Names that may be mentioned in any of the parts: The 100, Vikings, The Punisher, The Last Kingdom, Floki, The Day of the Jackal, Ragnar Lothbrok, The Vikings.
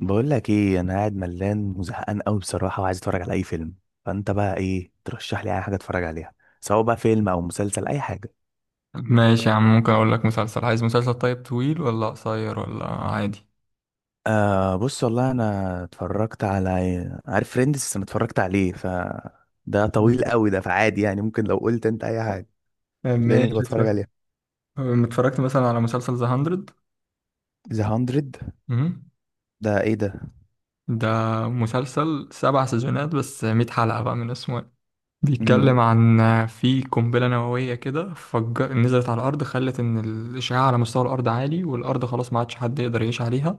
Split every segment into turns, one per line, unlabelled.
بقول لك ايه؟ انا قاعد ملان وزهقان قوي بصراحه، وعايز اتفرج على اي فيلم. فانت بقى ايه ترشح لي؟ اي حاجه اتفرج عليها، سواء بقى فيلم او مسلسل، اي حاجه.
ماشي يا عم، ممكن اقول لك مسلسل. عايز مسلسل طيب، طويل ولا قصير ولا عادي؟
آه، بص والله انا اتفرجت على، عارف فريندز؟ انا اتفرجت عليه. ده طويل
مم.
قوي ده، فعادي يعني، ممكن لو قلت انت اي حاجه تلاقيني
ماشي،
بتفرج
اتفرج.
عليها.
اتفرجت مثلا على مسلسل ذا 100.
ذا 100؟ ده ايه ده؟
ده مسلسل سبع سيزونات، بس 100 حلقة بقى من اسمه. بيتكلم
امم.
عن، في قنبلة نووية كده فجر نزلت على الأرض، خلت إن الإشعاع على مستوى الأرض عالي والأرض خلاص ما عادش حد يقدر يعيش عليها.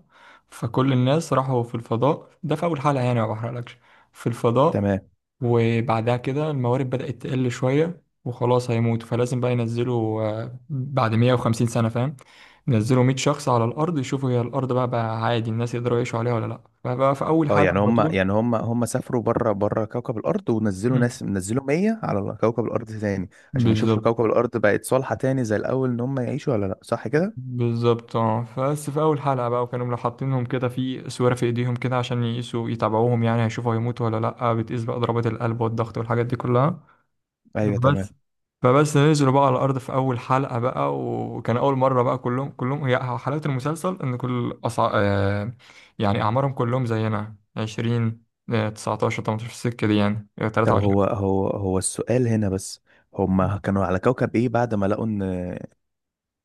فكل الناس راحوا في الفضاء، ده في أول حلقة يعني، ما بحرقلكش. في الفضاء.
تمام.
وبعدها كده الموارد بدأت تقل شوية وخلاص هيموتوا، فلازم بقى ينزلوا. بعد 150 سنة، فاهم، ينزلوا 100 شخص على الأرض يشوفوا هي الأرض بقى عادي الناس يقدروا يعيشوا عليها ولا لأ. فبقى في أول
اه،
حلقة
يعني
على
هم
طول.
يعني هم هم سافروا بره بره كوكب الارض، ونزلوا
مم.
ناس، نزلوا 100 على كوكب الارض تاني، عشان يشوفوا
بالظبط.
كوكب الارض بقت صالحة تاني زي الاول، ان هم يعيشوا ولا لا، صح كده؟
بالظبط، اه، بس في اول حلقه بقى، وكانوا لو حاطينهم كده في سواره في ايديهم كده عشان يقيسوا يتابعوهم يعني، هيشوفوا هيموتوا ولا لا. بتقيس بقى ضربات القلب والضغط والحاجات دي كلها.
ايوه، تمام.
بس. فبس نزلوا بقى على الارض في اول حلقه بقى، وكان اول مره بقى كلهم، هي حلاوه المسلسل ان كل أصع... آه يعني، اعمارهم كلهم زينا 20، 19، 18 في السكه دي يعني،
طب
23.
هو السؤال هنا بس، هم كانوا على كوكب ايه بعد ما لقوا ان،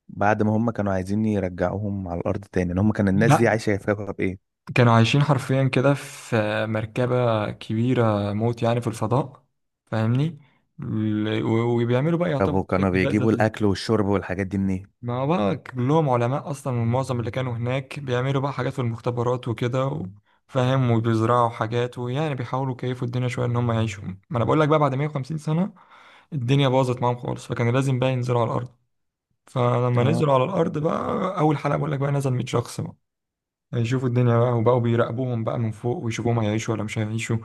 بعد ما هم كانوا عايزين يرجعوهم على الارض تاني، ان هم كان الناس دي
لا،
عايشة في كوكب ايه؟
كانوا عايشين حرفيا كده في مركبة كبيرة موت يعني في الفضاء، فاهمني. وبيعملوا بقى
طب
يعتبر كده
وكانوا
اكتفاء
بيجيبوا
ذاتي
الاكل
ليه.
والشرب والحاجات دي منين؟
ما هو بقى كلهم علماء أصلا، ومعظم اللي كانوا هناك بيعملوا بقى حاجات في المختبرات وكده فاهم، وبيزرعوا حاجات، ويعني بيحاولوا يكيفوا الدنيا شوية إن هم يعيشوا. ما أنا بقول لك بقى، بعد 150 سنة الدنيا باظت معاهم خالص، فكان لازم بقى ينزلوا على الأرض. فلما
اه،
نزلوا على الأرض
فهمت فهمت.
بقى، أول حلقة بقول لك بقى، نزل 100 شخص بقى هيشوفوا الدنيا بقى، وبقوا بيراقبوهم بقى من فوق ويشوفوهم هيعيشوا ولا مش هيعيشوا.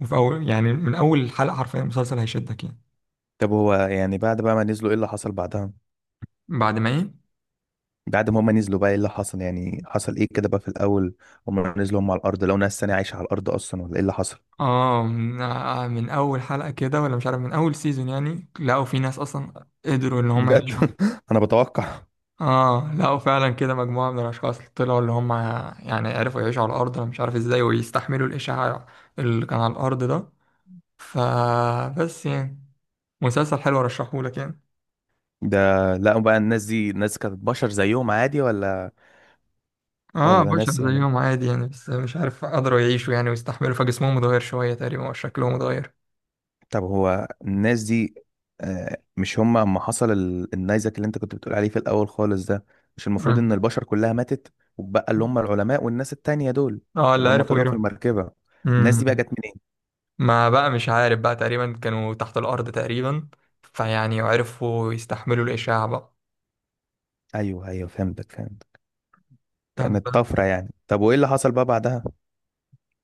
وفي أول يعني، من أول حلقة حرفيا المسلسل هيشدك يعني.
طب هو يعني بعد بقى ما نزلوا، ايه اللي حصل بعدها؟
بعد ما إيه؟
بعد ما هما نزلوا بقى، ايه اللي حصل؟ يعني حصل ايه كده بقى في الاول؟ هما نزلوا هما على الارض لو ناس تانية عايشة على الارض اصلا، ولا ايه اللي حصل؟
آه من، من أول حلقة كده، ولا مش عارف من أول سيزون يعني، لقوا في ناس أصلا قدروا إن هم
بجد؟
يعيشوا.
انا بتوقع
آه، لقوا فعلا كده مجموعة من الأشخاص طلعوا، اللي هم يعني عرفوا يعيشوا على الأرض، أنا مش عارف إزاي، ويستحملوا الإشعاع اللي كان على الأرض ده. فبس يعني، مسلسل حلو، أرشحهولك يعني.
ده. لا بقى، الناس دي ناس كانت بشر زيهم عادي ولا
اه،
ولا
بشر
ناس يعني؟
زيهم عادي يعني، بس مش عارف قدروا يعيشوا يعني ويستحملوا، فجسمهم اتغير شوية تقريبا وشكلهم اتغير.
طب هو الناس دي، مش هما اما حصل النيزك اللي انت كنت بتقول عليه في الاول خالص ده، مش المفروض
اه.
ان البشر كلها ماتت؟ وبقى اللي هما العلماء والناس التانية دول،
اه، اللي
اللي هما
عرفوا
طلعوا في
يروح.
المركبة، الناس دي بقى
امم.
جت منين؟
ما بقى مش عارف بقى، تقريبا كانوا تحت الأرض تقريبا، فيعني عرفوا يستحملوا الإشعاع بقى.
ايوه ايوه، فهمتك، فهمت.
طب.
كانت طفرة يعني؟ طب وايه اللي حصل بقى بعدها؟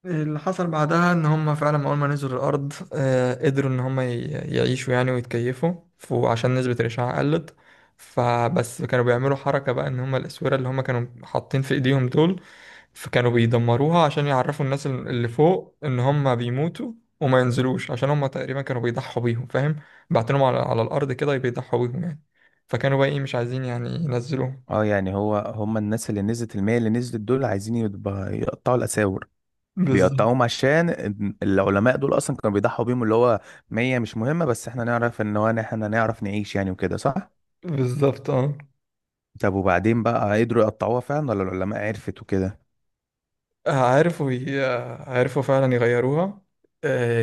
اللي حصل بعدها ان هم فعلا اول ما نزلوا الارض قدروا ان هم يعيشوا يعني ويتكيفوا، وعشان نسبة الاشعاع قلت. فبس كانوا بيعملوا حركة بقى، ان هم الاسورة اللي هم كانوا حاطين في ايديهم دول، فكانوا بيدمروها عشان يعرفوا الناس اللي فوق ان هم بيموتوا وما ينزلوش، عشان هم تقريبا كانوا بيضحوا بيهم، فاهم، بعتنهم على الارض كده، بيضحوا بيهم يعني. فكانوا بقى ايه، مش عايزين يعني ينزلوهم.
اه، يعني هو هم الناس اللي نزلت المية اللي نزلت دول، عايزين يقطعوا الأساور.
بالظبط.
بيقطعوهم عشان العلماء دول اصلا كانوا بيضحوا بيهم، اللي هو مية مش مهمة، بس احنا نعرف ان هو، احنا نعرف نعيش يعني وكده، صح؟
بالظبط، اه.
طب وبعدين بقى، قدروا يقطعوها فعلا ولا العلماء عرفت وكده؟
عارفوا ي- عارفوا فعلا يغيروها، آه،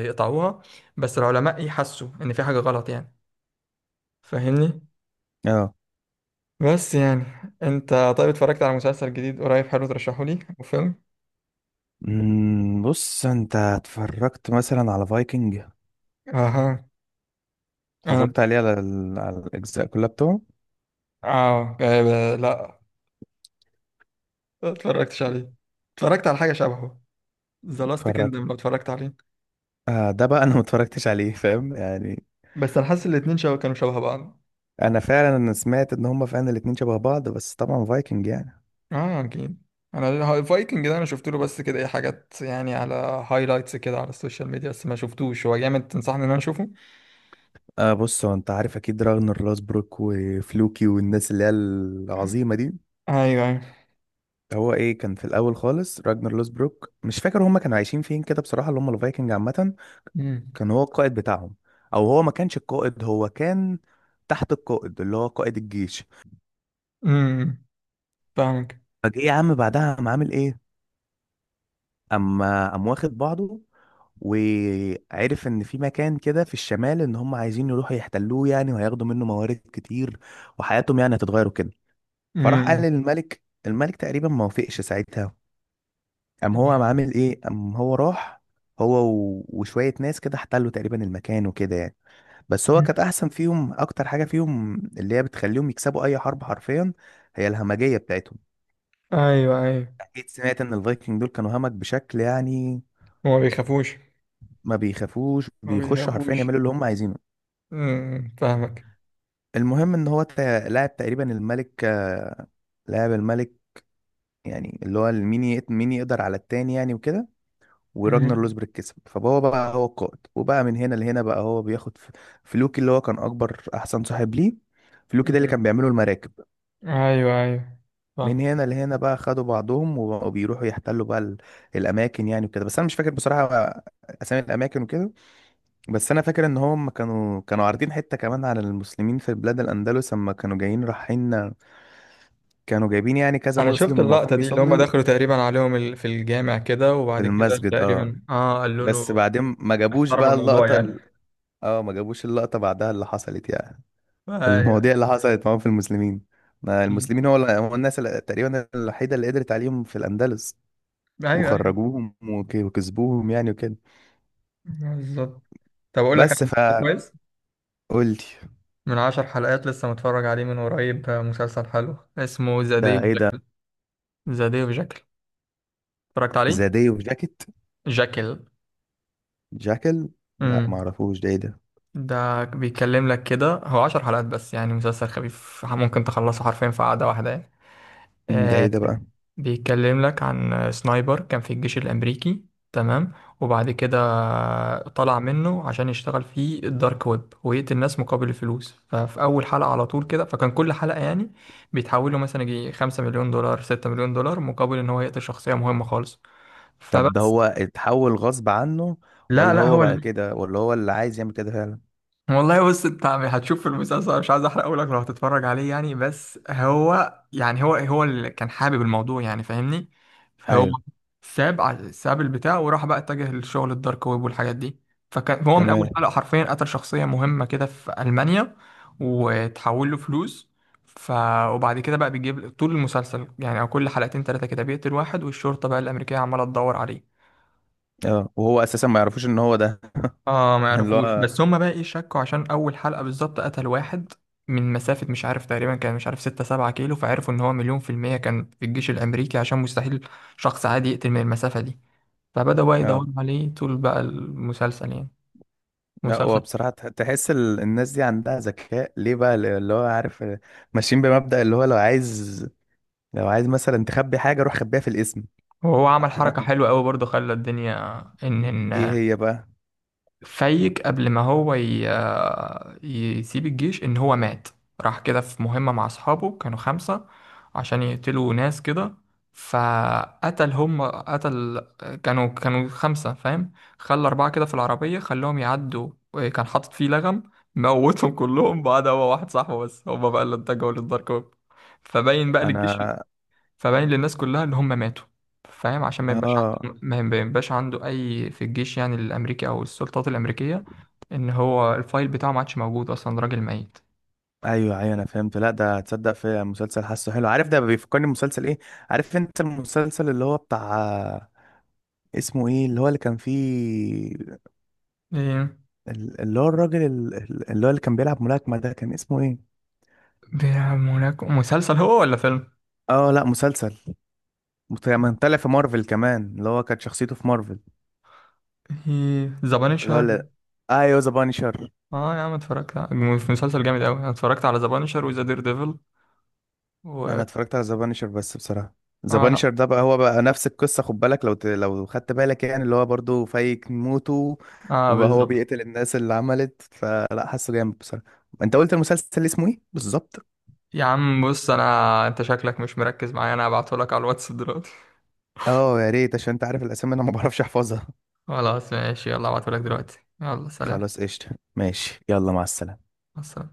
يقطعوها. بس العلماء يحسوا ان في حاجة غلط يعني، فاهمني.
اه.
بس يعني، انت طيب اتفرجت على مسلسل جديد قريب حلو ترشحه لي، وفيلم؟
بص انت اتفرجت مثلا على فايكنج؟
اها. انا،
اتفرجت عليه على الاجزاء كلها بتوعه؟
اه، لا، ما اتفرجتش عليه. اتفرجت على حاجة شبهه، ذا لاست
اتفرجت.
كيندم، لو اتفرجت عليه.
ده بقى انا ما اتفرجتش عليه، فاهم يعني.
بس انا حاسس الاتنين شبه، كانوا شبه بعض.
انا فعلا سمعت ان هما فعلا الاتنين شبه بعض، بس طبعا فايكنج يعني.
اه، اكيد. انا الفايكنج ده، انا شفت له بس كده ايه حاجات يعني، على هايلايتس كده على السوشيال ميديا، بس ما شفتوش. هو جامد تنصحني ان انا اشوفه؟
بص، هو انت عارف اكيد راجنر لوسبروك وفلوكي والناس اللي هي العظيمه دي.
ايوه ايوه.
هو ايه كان في الاول خالص؟ راجنر لوسبروك مش فاكر هما كانوا عايشين فين كده بصراحه، اللي هما الفايكنج عامه.
امم.
كان هو القائد بتاعهم، او هو ما كانش القائد، هو كان تحت القائد اللي هو قائد الجيش.
أمم، فاهمك.
فجه يا عم، بعدها قام عامل ايه؟ اما قام واخد بعضه، وعرف ان في مكان كده في الشمال ان هم عايزين يروحوا يحتلوه يعني، وهياخدوا منه موارد كتير، وحياتهم يعني هتتغير وكده. فراح قال
امم.
للملك، الملك تقريبا ما وافقش ساعتها. قام هو قام عامل ايه قام هو راح، هو وشوية ناس كده، احتلوا تقريبا المكان وكده يعني. بس هو كانت احسن فيهم، اكتر حاجة فيهم اللي هي بتخليهم يكسبوا اي حرب حرفيا، هي الهمجية بتاعتهم.
ايوه ايوه.
اكيد سمعت ان الفايكنج دول كانوا همج بشكل يعني.
هما بيخافوش.
ما بيخافوش،
ما
بيخشوا حرفيا
بيخافوش.
يعملوا اللي هم عايزينه.
امم، فاهمك.
المهم، ان هو لاعب تقريبا الملك، لاعب الملك. يعني اللي هو مين يقدر على التاني يعني وكده. وراجنر
امم.
لوسبرج كسب، فهو بقى هو القائد، وبقى من هنا لهنا بقى هو بياخد فلوكي اللي هو كان اكبر احسن صاحب ليه. فلوكي ده اللي
أمم.
كان بيعمله المراكب.
ايوه ايوه.
من
فاهم.
هنا لهنا بقى خدوا بعضهم، وبقوا بيروحوا يحتلوا بقى الاماكن يعني وكده. بس انا مش فاكر بصراحة اسامي الاماكن وكده. بس انا فاكر ان هم كانوا عارضين حته كمان على المسلمين في بلاد الاندلس اما كانوا جايين رايحين، كانوا جايبين يعني كذا
انا شفت
مسلم واقفين
اللقطه دي، اللي هم
بيصلي
دخلوا تقريبا عليهم في الجامع كده،
في
وبعد كده
المسجد. اه
تقريبا اه قالوا
بس
له
بعدين ما جابوش
احترموا
بقى
الموضوع
اللقطه
يعني.
اه، ما جابوش اللقطه بعدها اللي حصلت يعني،
ايوه.
المواضيع اللي حصلت معاهم في المسلمين. ما
أمم.
المسلمين هو الناس اللي تقريبا الوحيده اللي قدرت عليهم في الاندلس،
ايوه ايوه.
وخرجوهم وكسبوهم يعني وكده.
بالظبط. طب أقول لك على
بس
مسلسل
فقلت.
كويس، من 10 حلقات لسه متفرج عليه من قريب، مسلسل حلو، اسمه ذا داي
ده
اوف
ايه ده؟
جاكل. ذا داي اوف جاكل، اتفرجت عليه؟
زاديه وجاكيت؟
جاكل.
جاكل. لا
امم.
معرفوش، ده ايه ده؟
ده بيتكلم لك كده، هو 10 حلقات بس يعني، مسلسل خفيف ممكن تخلصه حرفيا في قعدة واحدة يعني.
ده ايه
آه،
ده بقى؟
بيتكلم لك عن سنايبر كان في الجيش الأمريكي، تمام، وبعد كده طلع منه عشان يشتغل في الدارك ويب، ويقتل الناس مقابل الفلوس. ففي أول حلقة على طول كده، فكان كل حلقة يعني بيتحولوا مثلا يجي 5 مليون دولار، 6 مليون دولار، مقابل إن هو يقتل شخصية مهمة خالص.
طب ده
فبس.
هو اتحول غصب عنه،
لا
ولا
لا،
هو
هو
بقى كده، ولا هو اللي عايز يعمل كده فعلا؟
والله بص، انت هتشوف في المسلسل، مش عايز احرقه لك لو هتتفرج عليه يعني. بس هو يعني، هو هو اللي كان حابب الموضوع يعني، فاهمني. فهو
ايوه،
ساب البتاع، وراح بقى اتجه للشغل الدارك ويب والحاجات دي. فكان هو من اول حلقة
تمام.
حرفيا قتل شخصية مهمة كده في ألمانيا، وتحول له فلوس. ف وبعد كده بقى بيجيب طول المسلسل يعني، او كل حلقتين ثلاثة كده بيقتل واحد، والشرطة بقى الأمريكية عمالة تدور عليه.
اه وهو اساسا ما يعرفوش ان هو ده؟
اه، ما
يعني اللي
يعرفوش.
هو.
بس هما بقى ايه، شكوا عشان اول حلقة بالظبط قتل واحد من مسافة، مش عارف تقريبا، كان مش عارف 6 7 كيلو، فعرفوا ان هو مليون في المية كان في الجيش الامريكي، عشان مستحيل شخص عادي يقتل من المسافة دي. فبدأوا بقى
اه
يدوروا عليه طول بقى المسلسل يعني.
لا، هو
مسلسل.
بصراحة تحس الناس دي عندها ذكاء ليه بقى، اللي هو عارف، ماشيين بمبدأ اللي هو لو عايز مثلا تخبي حاجة، روح خبيها في الاسم.
وهو عمل حركة حلوة قوي برضه، خلى الدنيا ان
ايه
إن
هي بقى؟
فايق قبل ما هو ي... آه، يسيب الجيش، ان هو مات. راح كده في مهمة مع اصحابه، كانوا خمسة عشان يقتلوا ناس كده، فقتل، هم قتل، كانوا خمسة، فاهم، خلى أربعة كده في العربية، خلاهم يعدوا، كان حاطط فيه لغم، موتهم كلهم. بعد، هو واحد صاحبه بس هما بقى اللي اتجهوا للدارك ويب. فباين بقى للجيش،
انا
فباين للناس كلها اللي هم ماتوا، فاهم، عشان
اه
ما يبقاش عنده اي في الجيش يعني، الامريكي او السلطات الامريكيه، ان هو الفايل بتاعه ما عادش موجود، اصلا راجل ميت.
ايوه ايوه، انا فهمت. لا ده هتصدق في مسلسل حاسه حلو، عارف ده بيفكرني بمسلسل ايه؟ عارف انت المسلسل اللي هو بتاع، اسمه ايه اللي هو اللي كان فيه
ايه؟
اللي هو الراجل اللي هو اللي كان بيلعب ملاكمة، ده كان اسمه ايه؟
بيلعب هناك؟ مسلسل هو ولا فيلم؟
اه لا، مسلسل. كان طالع في مارفل كمان، اللي هو كانت شخصيته في مارفل.
ايه؟ ذا
اللي هو
بانشر.
ايوه، ذا بانشر.
اه يا عم، اتفرجت في مسلسل جامد قوي، انا اتفرجت على ذا بانشر وذا دير ديفل
انا
و.
اتفرجت على ذا بانشر بس بصراحه. ذا
اه، لا.
بانشر ده بقى هو بقى نفس القصه، خد بالك لو لو خدت بالك يعني، اللي هو برضو فايك موته،
اه،
وبقى هو
بالظبط.
بيقتل الناس اللي عملت، فلا حاسه جامد بصراحه. انت قلت المسلسل اسمه ايه بالظبط؟
يا عم بص، انا، انت شكلك مش مركز معايا، انا هبعتهولك على الواتس دلوقتي.
اه يا ريت، عشان انت عارف الاسامي، انا ما بعرفش احفظها.
خلاص ماشي، يلا هبعتهولك دلوقتي، يلا سلام.
خلاص قشطه. ماشي، يلا، مع السلامه.
مع السلامة.